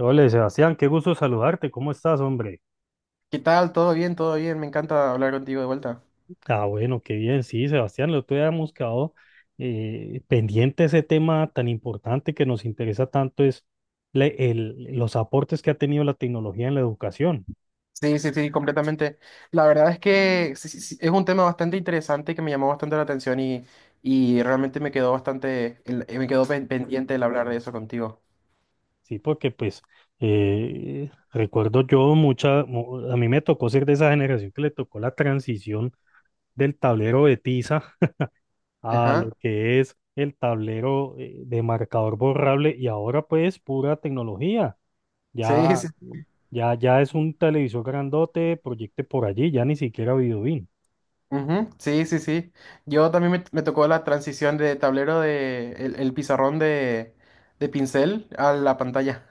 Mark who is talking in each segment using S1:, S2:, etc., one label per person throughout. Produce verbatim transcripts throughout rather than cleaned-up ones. S1: Hola, Sebastián, qué gusto saludarte. ¿Cómo estás, hombre?
S2: ¿Qué tal? ¿Todo bien? ¿Todo bien? Me encanta hablar contigo de vuelta.
S1: Ah, bueno, qué bien. Sí, Sebastián, lo otro día hemos quedado eh, pendiente ese tema tan importante que nos interesa tanto es le- el- los aportes que ha tenido la tecnología en la educación.
S2: Sí, sí, sí, completamente. La verdad es que sí, sí, sí, es un tema bastante interesante que me llamó bastante la atención y, y realmente me quedó bastante, el- eh, me quedó pen- pendiente el hablar de eso contigo.
S1: Sí, porque pues eh, recuerdo yo mucha, mu- a mí me tocó ser de esa generación que le tocó la transición del tablero de tiza a
S2: Ajá.
S1: lo que es el tablero eh, de marcador borrable y ahora pues pura tecnología.
S2: Sí,
S1: Ya.
S2: sí.
S1: Ya, ya es un televisor grandote, proyecte por allí, ya ni siquiera Videobeam.
S2: Ujú, sí, sí, sí. Yo también me, me tocó la transición de tablero de el, el pizarrón de, de pincel a la pantalla.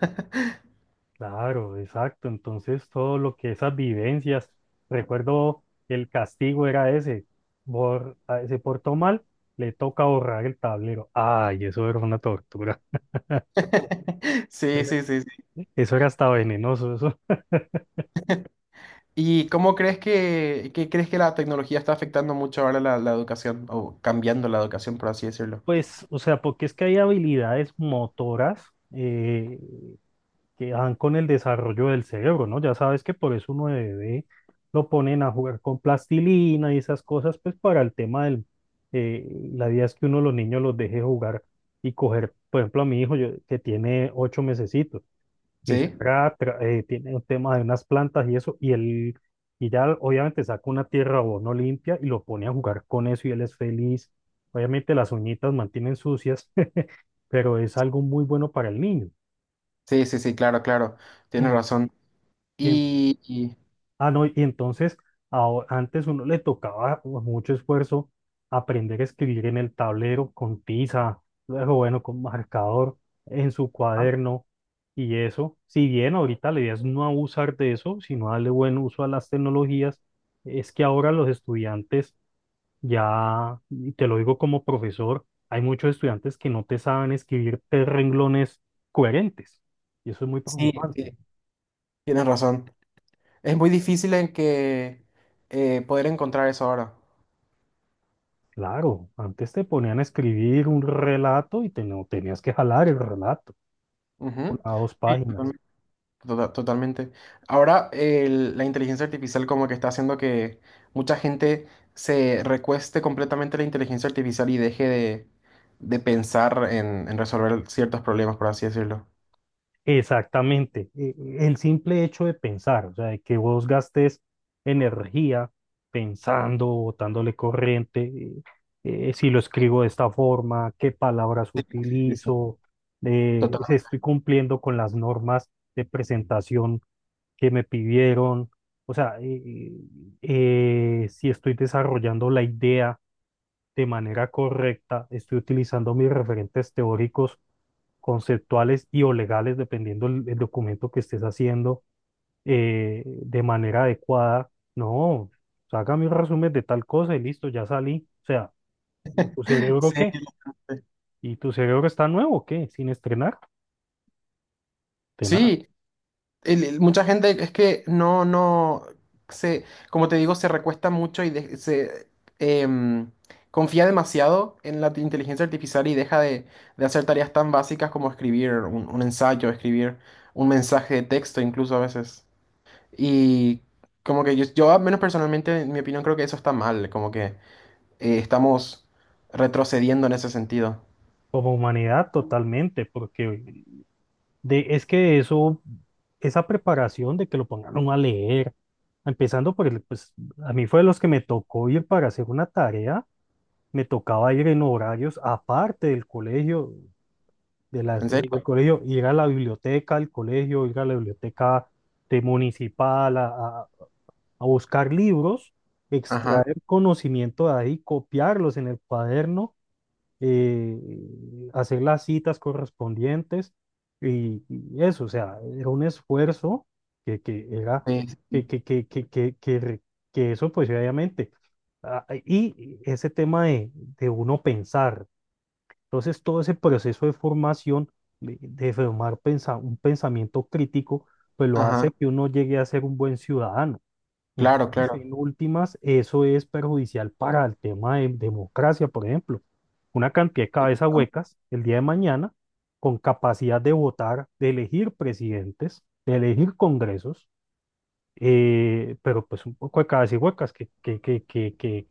S1: Claro, exacto. Entonces, todo lo que esas vivencias, recuerdo el castigo era ese, bor- ah, se portó mal, le toca borrar el tablero. Ay, eso era una tortura.
S2: Sí, sí, sí, sí.
S1: Eso era hasta venenoso, eso.
S2: ¿Y cómo crees que, que crees que la tecnología está afectando mucho ahora la, la educación o cambiando la educación, por así decirlo?
S1: Pues, o sea, porque es que hay habilidades motoras. eh, que dan con el desarrollo del cerebro, ¿no? Ya sabes que por eso uno de bebé lo ponen a jugar con plastilina y esas cosas, pues para el tema del, eh, la idea es que uno de los niños los deje jugar y coger, por ejemplo, a mi hijo yo- que tiene ocho mesecitos, mi
S2: Sí,
S1: suegra tra- eh, tiene un tema de unas plantas y eso, y él, y ya obviamente saca una tierra o no limpia y lo pone a jugar con eso y él es feliz. Obviamente las uñitas mantienen sucias, pero es algo muy bueno para el niño.
S2: sí, sí, sí, claro, claro, tienes
S1: En-
S2: razón.
S1: y en-
S2: Y, y-
S1: Ah, no, y entonces aho- antes uno le tocaba con mucho esfuerzo aprender a escribir en el tablero con tiza, luego bueno, con marcador, en su
S2: ah,
S1: cuaderno y eso. Si bien ahorita la idea es no abusar de eso, sino darle buen uso a las tecnologías, es que ahora los estudiantes ya, y te lo digo como profesor, hay muchos estudiantes que no te saben escribir tres renglones coherentes y eso es muy
S2: sí, sí,
S1: preocupante.
S2: tienes razón. Es muy difícil en que eh, poder encontrar eso ahora.
S1: Claro, antes te ponían a escribir un relato y te, no, tenías que jalar el relato,
S2: Ujú.
S1: una o dos
S2: Sí,
S1: páginas.
S2: Tota- totalmente. Ahora el- la inteligencia artificial como que está haciendo que mucha gente se recueste completamente a la inteligencia artificial y deje de, de pensar en, en resolver ciertos problemas, por así decirlo.
S1: Exactamente, e- e, el simple hecho de pensar, o sea, de que vos gastes energía pensando, botándole corriente, eh, eh, si lo escribo de esta forma, qué palabras
S2: Sí, sí.
S1: utilizo, eh, si
S2: Total.
S1: estoy cumpliendo con las normas de presentación que me pidieron, o sea, eh, eh, si estoy desarrollando la idea de manera correcta, estoy utilizando mis referentes teóricos, conceptuales y o legales, dependiendo el, el documento que estés haciendo, eh, de manera adecuada. No, haga mis resúmenes de tal cosa y listo, ya salí. O sea, ¿y tu cerebro
S2: Sí.
S1: qué? ¿Y tu cerebro está nuevo o qué? Sin estrenar, de nada.
S2: Sí, el- el- mucha gente es que no, no, se, como te digo, se recuesta mucho y de- se em, confía demasiado en la t- inteligencia artificial y deja de, de hacer tareas tan básicas como escribir un, un ensayo, escribir un mensaje de texto incluso a veces. Y como que yo, yo al menos personalmente, en mi opinión, creo que eso está mal, como que eh, estamos retrocediendo en ese sentido.
S1: Como humanidad, totalmente, porque de, es que eso, esa preparación de que lo pongan a leer, empezando por el, pues a mí fue de los que me tocó ir para hacer una tarea, me tocaba ir en horarios aparte del colegio, de las
S2: ¿En
S1: de-
S2: serio?
S1: del colegio, ir a la biblioteca del colegio, ir a la biblioteca de municipal a, a- a buscar libros,
S2: Ajá.
S1: extraer conocimiento de ahí, copiarlos en el cuaderno, eh, hacer las citas correspondientes y, y eso, o sea, era un esfuerzo que, que era,
S2: Sí, sí,
S1: que,
S2: sí.
S1: que, que, que, que, que re- que eso pues obviamente, ah, ah, y ese tema de, de uno pensar, entonces todo ese proceso de formación, de, de formar pensa- un pensamiento crítico, pues lo
S2: Ajá.
S1: hace que uno llegue a ser un buen ciudadano.
S2: Claro,
S1: Entonces,
S2: claro.
S1: en últimas, eso es perjudicial para el tema de democracia, por ejemplo. Una cantidad de cabezas huecas el día de mañana, con capacidad de votar, de elegir presidentes, de elegir congresos, eh, pero pues un poco de cabezas huecas que, que, que, que, que,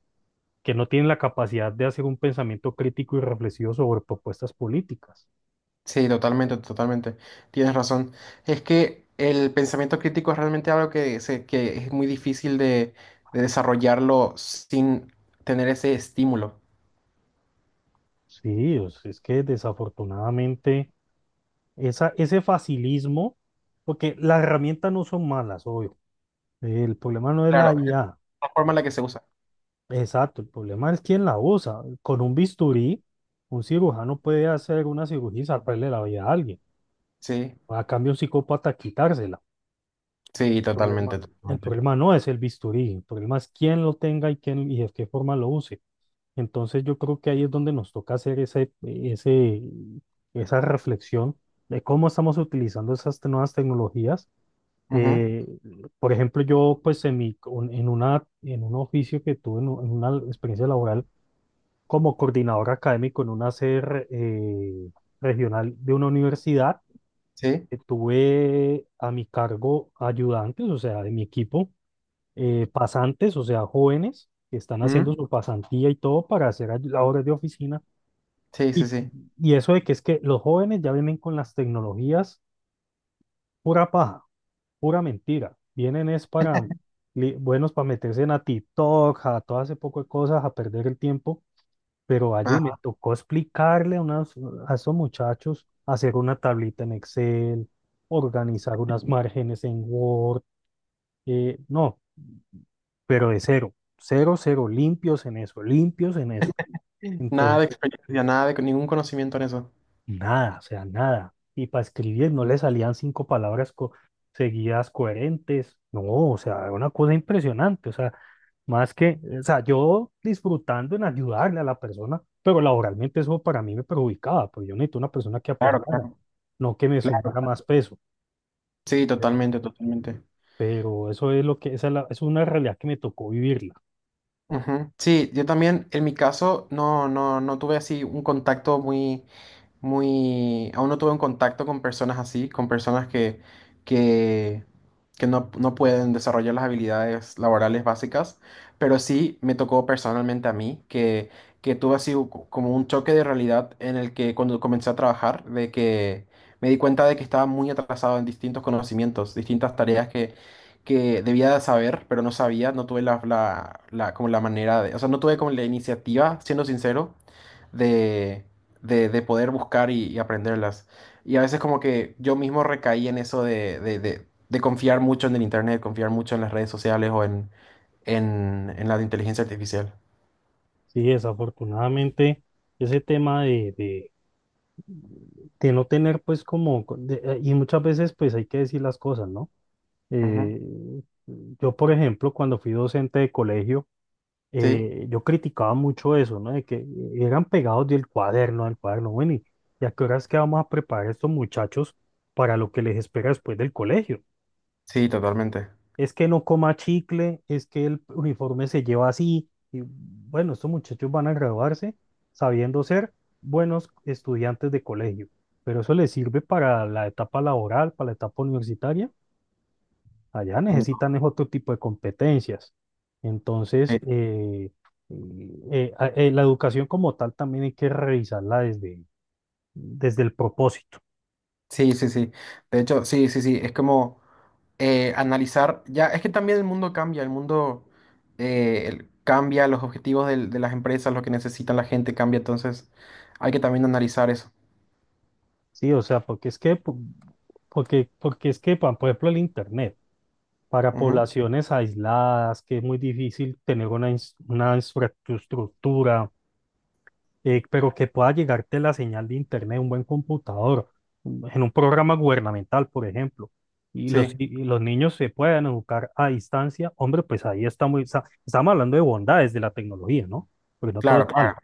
S1: que no tienen la capacidad de hacer un pensamiento crítico y reflexivo sobre propuestas políticas.
S2: Sí, totalmente, totalmente. Tienes razón. Es que el pensamiento crítico es realmente algo que, se- que es muy difícil de, de desarrollarlo sin tener ese estímulo.
S1: Sí, o sea, es que desafortunadamente esa, ese facilismo, porque las herramientas no son malas, obvio. El problema no es la
S2: Claro, es
S1: I A.
S2: la forma en la que se usa.
S1: Exacto, el problema es quién la usa. Con un bisturí, un cirujano puede hacer una cirugía y salvarle la vida a alguien.
S2: Sí,
S1: A cambio, un psicópata quitársela.
S2: sí,
S1: Problema,
S2: totalmente,
S1: el
S2: totalmente.
S1: problema no es el bisturí, el problema es quién lo tenga y quién y de qué forma lo use. Entonces yo creo que ahí es donde nos toca hacer ese, ese, esa reflexión de cómo estamos utilizando esas te- nuevas tecnologías.
S2: Ujú,
S1: Eh, por ejemplo, yo pues en, mi, un- en, una, en un oficio que tuve, en, u- en una experiencia laboral como coordinador académico en una sede re- eh, regional de una universidad,
S2: sí,
S1: eh, tuve a mi cargo ayudantes, o sea, de mi equipo, eh, pasantes, o sea, jóvenes que están haciendo
S2: ujú,
S1: su pasantía y todo para hacer ay- labores de oficina.
S2: sí, sí,
S1: Y,
S2: sí.
S1: y eso de que es que los jóvenes ya vienen con las tecnologías pura paja, pura mentira. Vienen es para, li- buenos para meterse en a TikTok, a todo ese poco de cosas, a perder el tiempo. Pero allí me
S2: Ajá.
S1: tocó explicarle a, unas, a esos muchachos hacer una tablita en Excel, organizar unas márgenes en Word. Eh, no, pero de cero, cero, cero, limpios en eso, limpios en eso.
S2: Nada de
S1: Entonces,
S2: experiencia, nada de ningún conocimiento en eso.
S1: nada, o sea, nada. Y para escribir no le salían cinco palabras co- seguidas coherentes. No, o sea, una cosa impresionante. O sea, más que, o sea, yo disfrutando en ayudarle a la persona, pero laboralmente eso para mí me perjudicaba, porque yo necesito una persona que
S2: Claro,
S1: aportara, no que me
S2: claro,
S1: sumara
S2: claro.
S1: más peso.
S2: Sí,
S1: Pero,
S2: totalmente, totalmente.
S1: pero eso es lo que, esa es, la- es una realidad que me tocó vivirla.
S2: Ujú. Sí, yo también, en mi caso, no, no, no tuve así un contacto muy muy, aún no tuve un contacto con personas así, con personas que, que, que no, no pueden desarrollar las habilidades laborales básicas, pero sí me tocó personalmente a mí que, que tuve así u- como un choque de realidad en el que cuando comencé a trabajar, de que me di cuenta de que estaba muy atrasado en distintos conocimientos, distintas tareas que… que debía de saber, pero no sabía, no tuve la, la, la- como la manera de, o sea, no tuve como la iniciativa, siendo sincero, de, de poder buscar y, y aprenderlas. Y a veces como que yo mismo recaí en eso de, de, de- de confiar mucho en el internet, confiar mucho en las redes sociales o en, en, en la de inteligencia artificial.
S1: Sí, desafortunadamente, ese tema de, de, de no tener, pues, como, de- eh, y muchas veces, pues, hay que decir las cosas, ¿no?
S2: Ujú.
S1: Eh, yo, por ejemplo, cuando fui docente de colegio,
S2: Sí,
S1: eh, yo criticaba mucho eso, ¿no? De que eran pegados del cuaderno, del cuaderno. Bueno, ¿y y a qué horas que vamos a preparar a estos muchachos para lo que les espera después del colegio?
S2: sí, totalmente.
S1: Es que no coma chicle, es que el uniforme se lleva así. Y bueno, estos muchachos van a graduarse sabiendo ser buenos estudiantes de colegio, pero eso les sirve para la etapa laboral, para la etapa universitaria. Allá
S2: Mm,
S1: necesitan es otro tipo de competencias. Entonces,
S2: eh,
S1: eh, eh, a- eh, la educación como tal también hay que revisarla desde, desde el propósito,
S2: sí, sí, sí. De hecho, sí, sí, sí. Es como eh, analizar, ya, es que también el mundo cambia, el mundo eh, el- cambia, los objetivos del- de las empresas, lo que necesita la gente cambia, entonces hay que también analizar eso.
S1: ¿sí? O sea, porque es que, po- porque, porque es que, pa- por ejemplo, el Internet, para
S2: Ujú.
S1: poblaciones aisladas, que es muy difícil tener una, ins- una infraestructura, eh, pero que pueda llegarte la señal de internet, un buen computador, en un programa gubernamental, por ejemplo, y los,
S2: Sí,
S1: y los niños se puedan educar a distancia, hombre, pues ahí está muy, sa- estamos hablando de bondades de la tecnología, ¿no? Porque no todo
S2: claro,
S1: es
S2: claro.
S1: malo,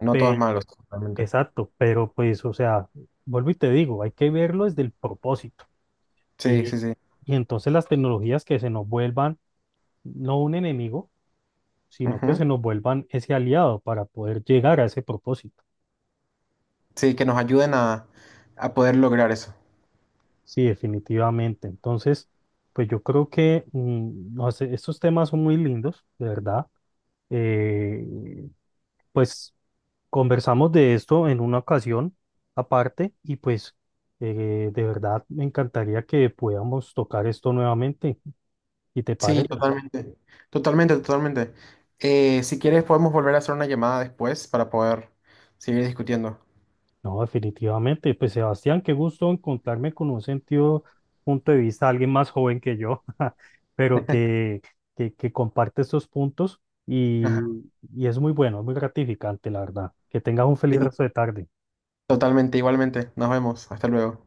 S2: No
S1: pero,
S2: todos malos, totalmente.
S1: exacto, pero pues, o sea, vuelvo y te digo, hay que verlo desde el propósito,
S2: Sí,
S1: y,
S2: sí, sí.
S1: y entonces las tecnologías que se nos vuelvan no un enemigo, sino que
S2: Ujú.
S1: se nos vuelvan ese aliado para poder llegar a ese propósito.
S2: Sí, que nos ayuden a, a poder lograr eso.
S1: Sí, definitivamente. Entonces, pues yo creo que mm, no sé, estos temas son muy lindos, de verdad. Eh, pues conversamos de esto en una ocasión aparte y pues eh, de verdad me encantaría que podamos tocar esto nuevamente. ¿Y te
S2: Sí,
S1: parece?
S2: totalmente. Totalmente, totalmente. Eh, si quieres, podemos volver a hacer una llamada después para poder seguir discutiendo.
S1: No, definitivamente. Pues Sebastián, qué gusto encontrarme con un sentido, punto de vista, alguien más joven que yo, pero que, que, que comparte estos puntos
S2: Ajá.
S1: y, y es muy bueno, es muy gratificante, la verdad. Que tengas un feliz
S2: Sí,
S1: resto de tarde.
S2: totalmente, igualmente. Nos vemos. Hasta luego.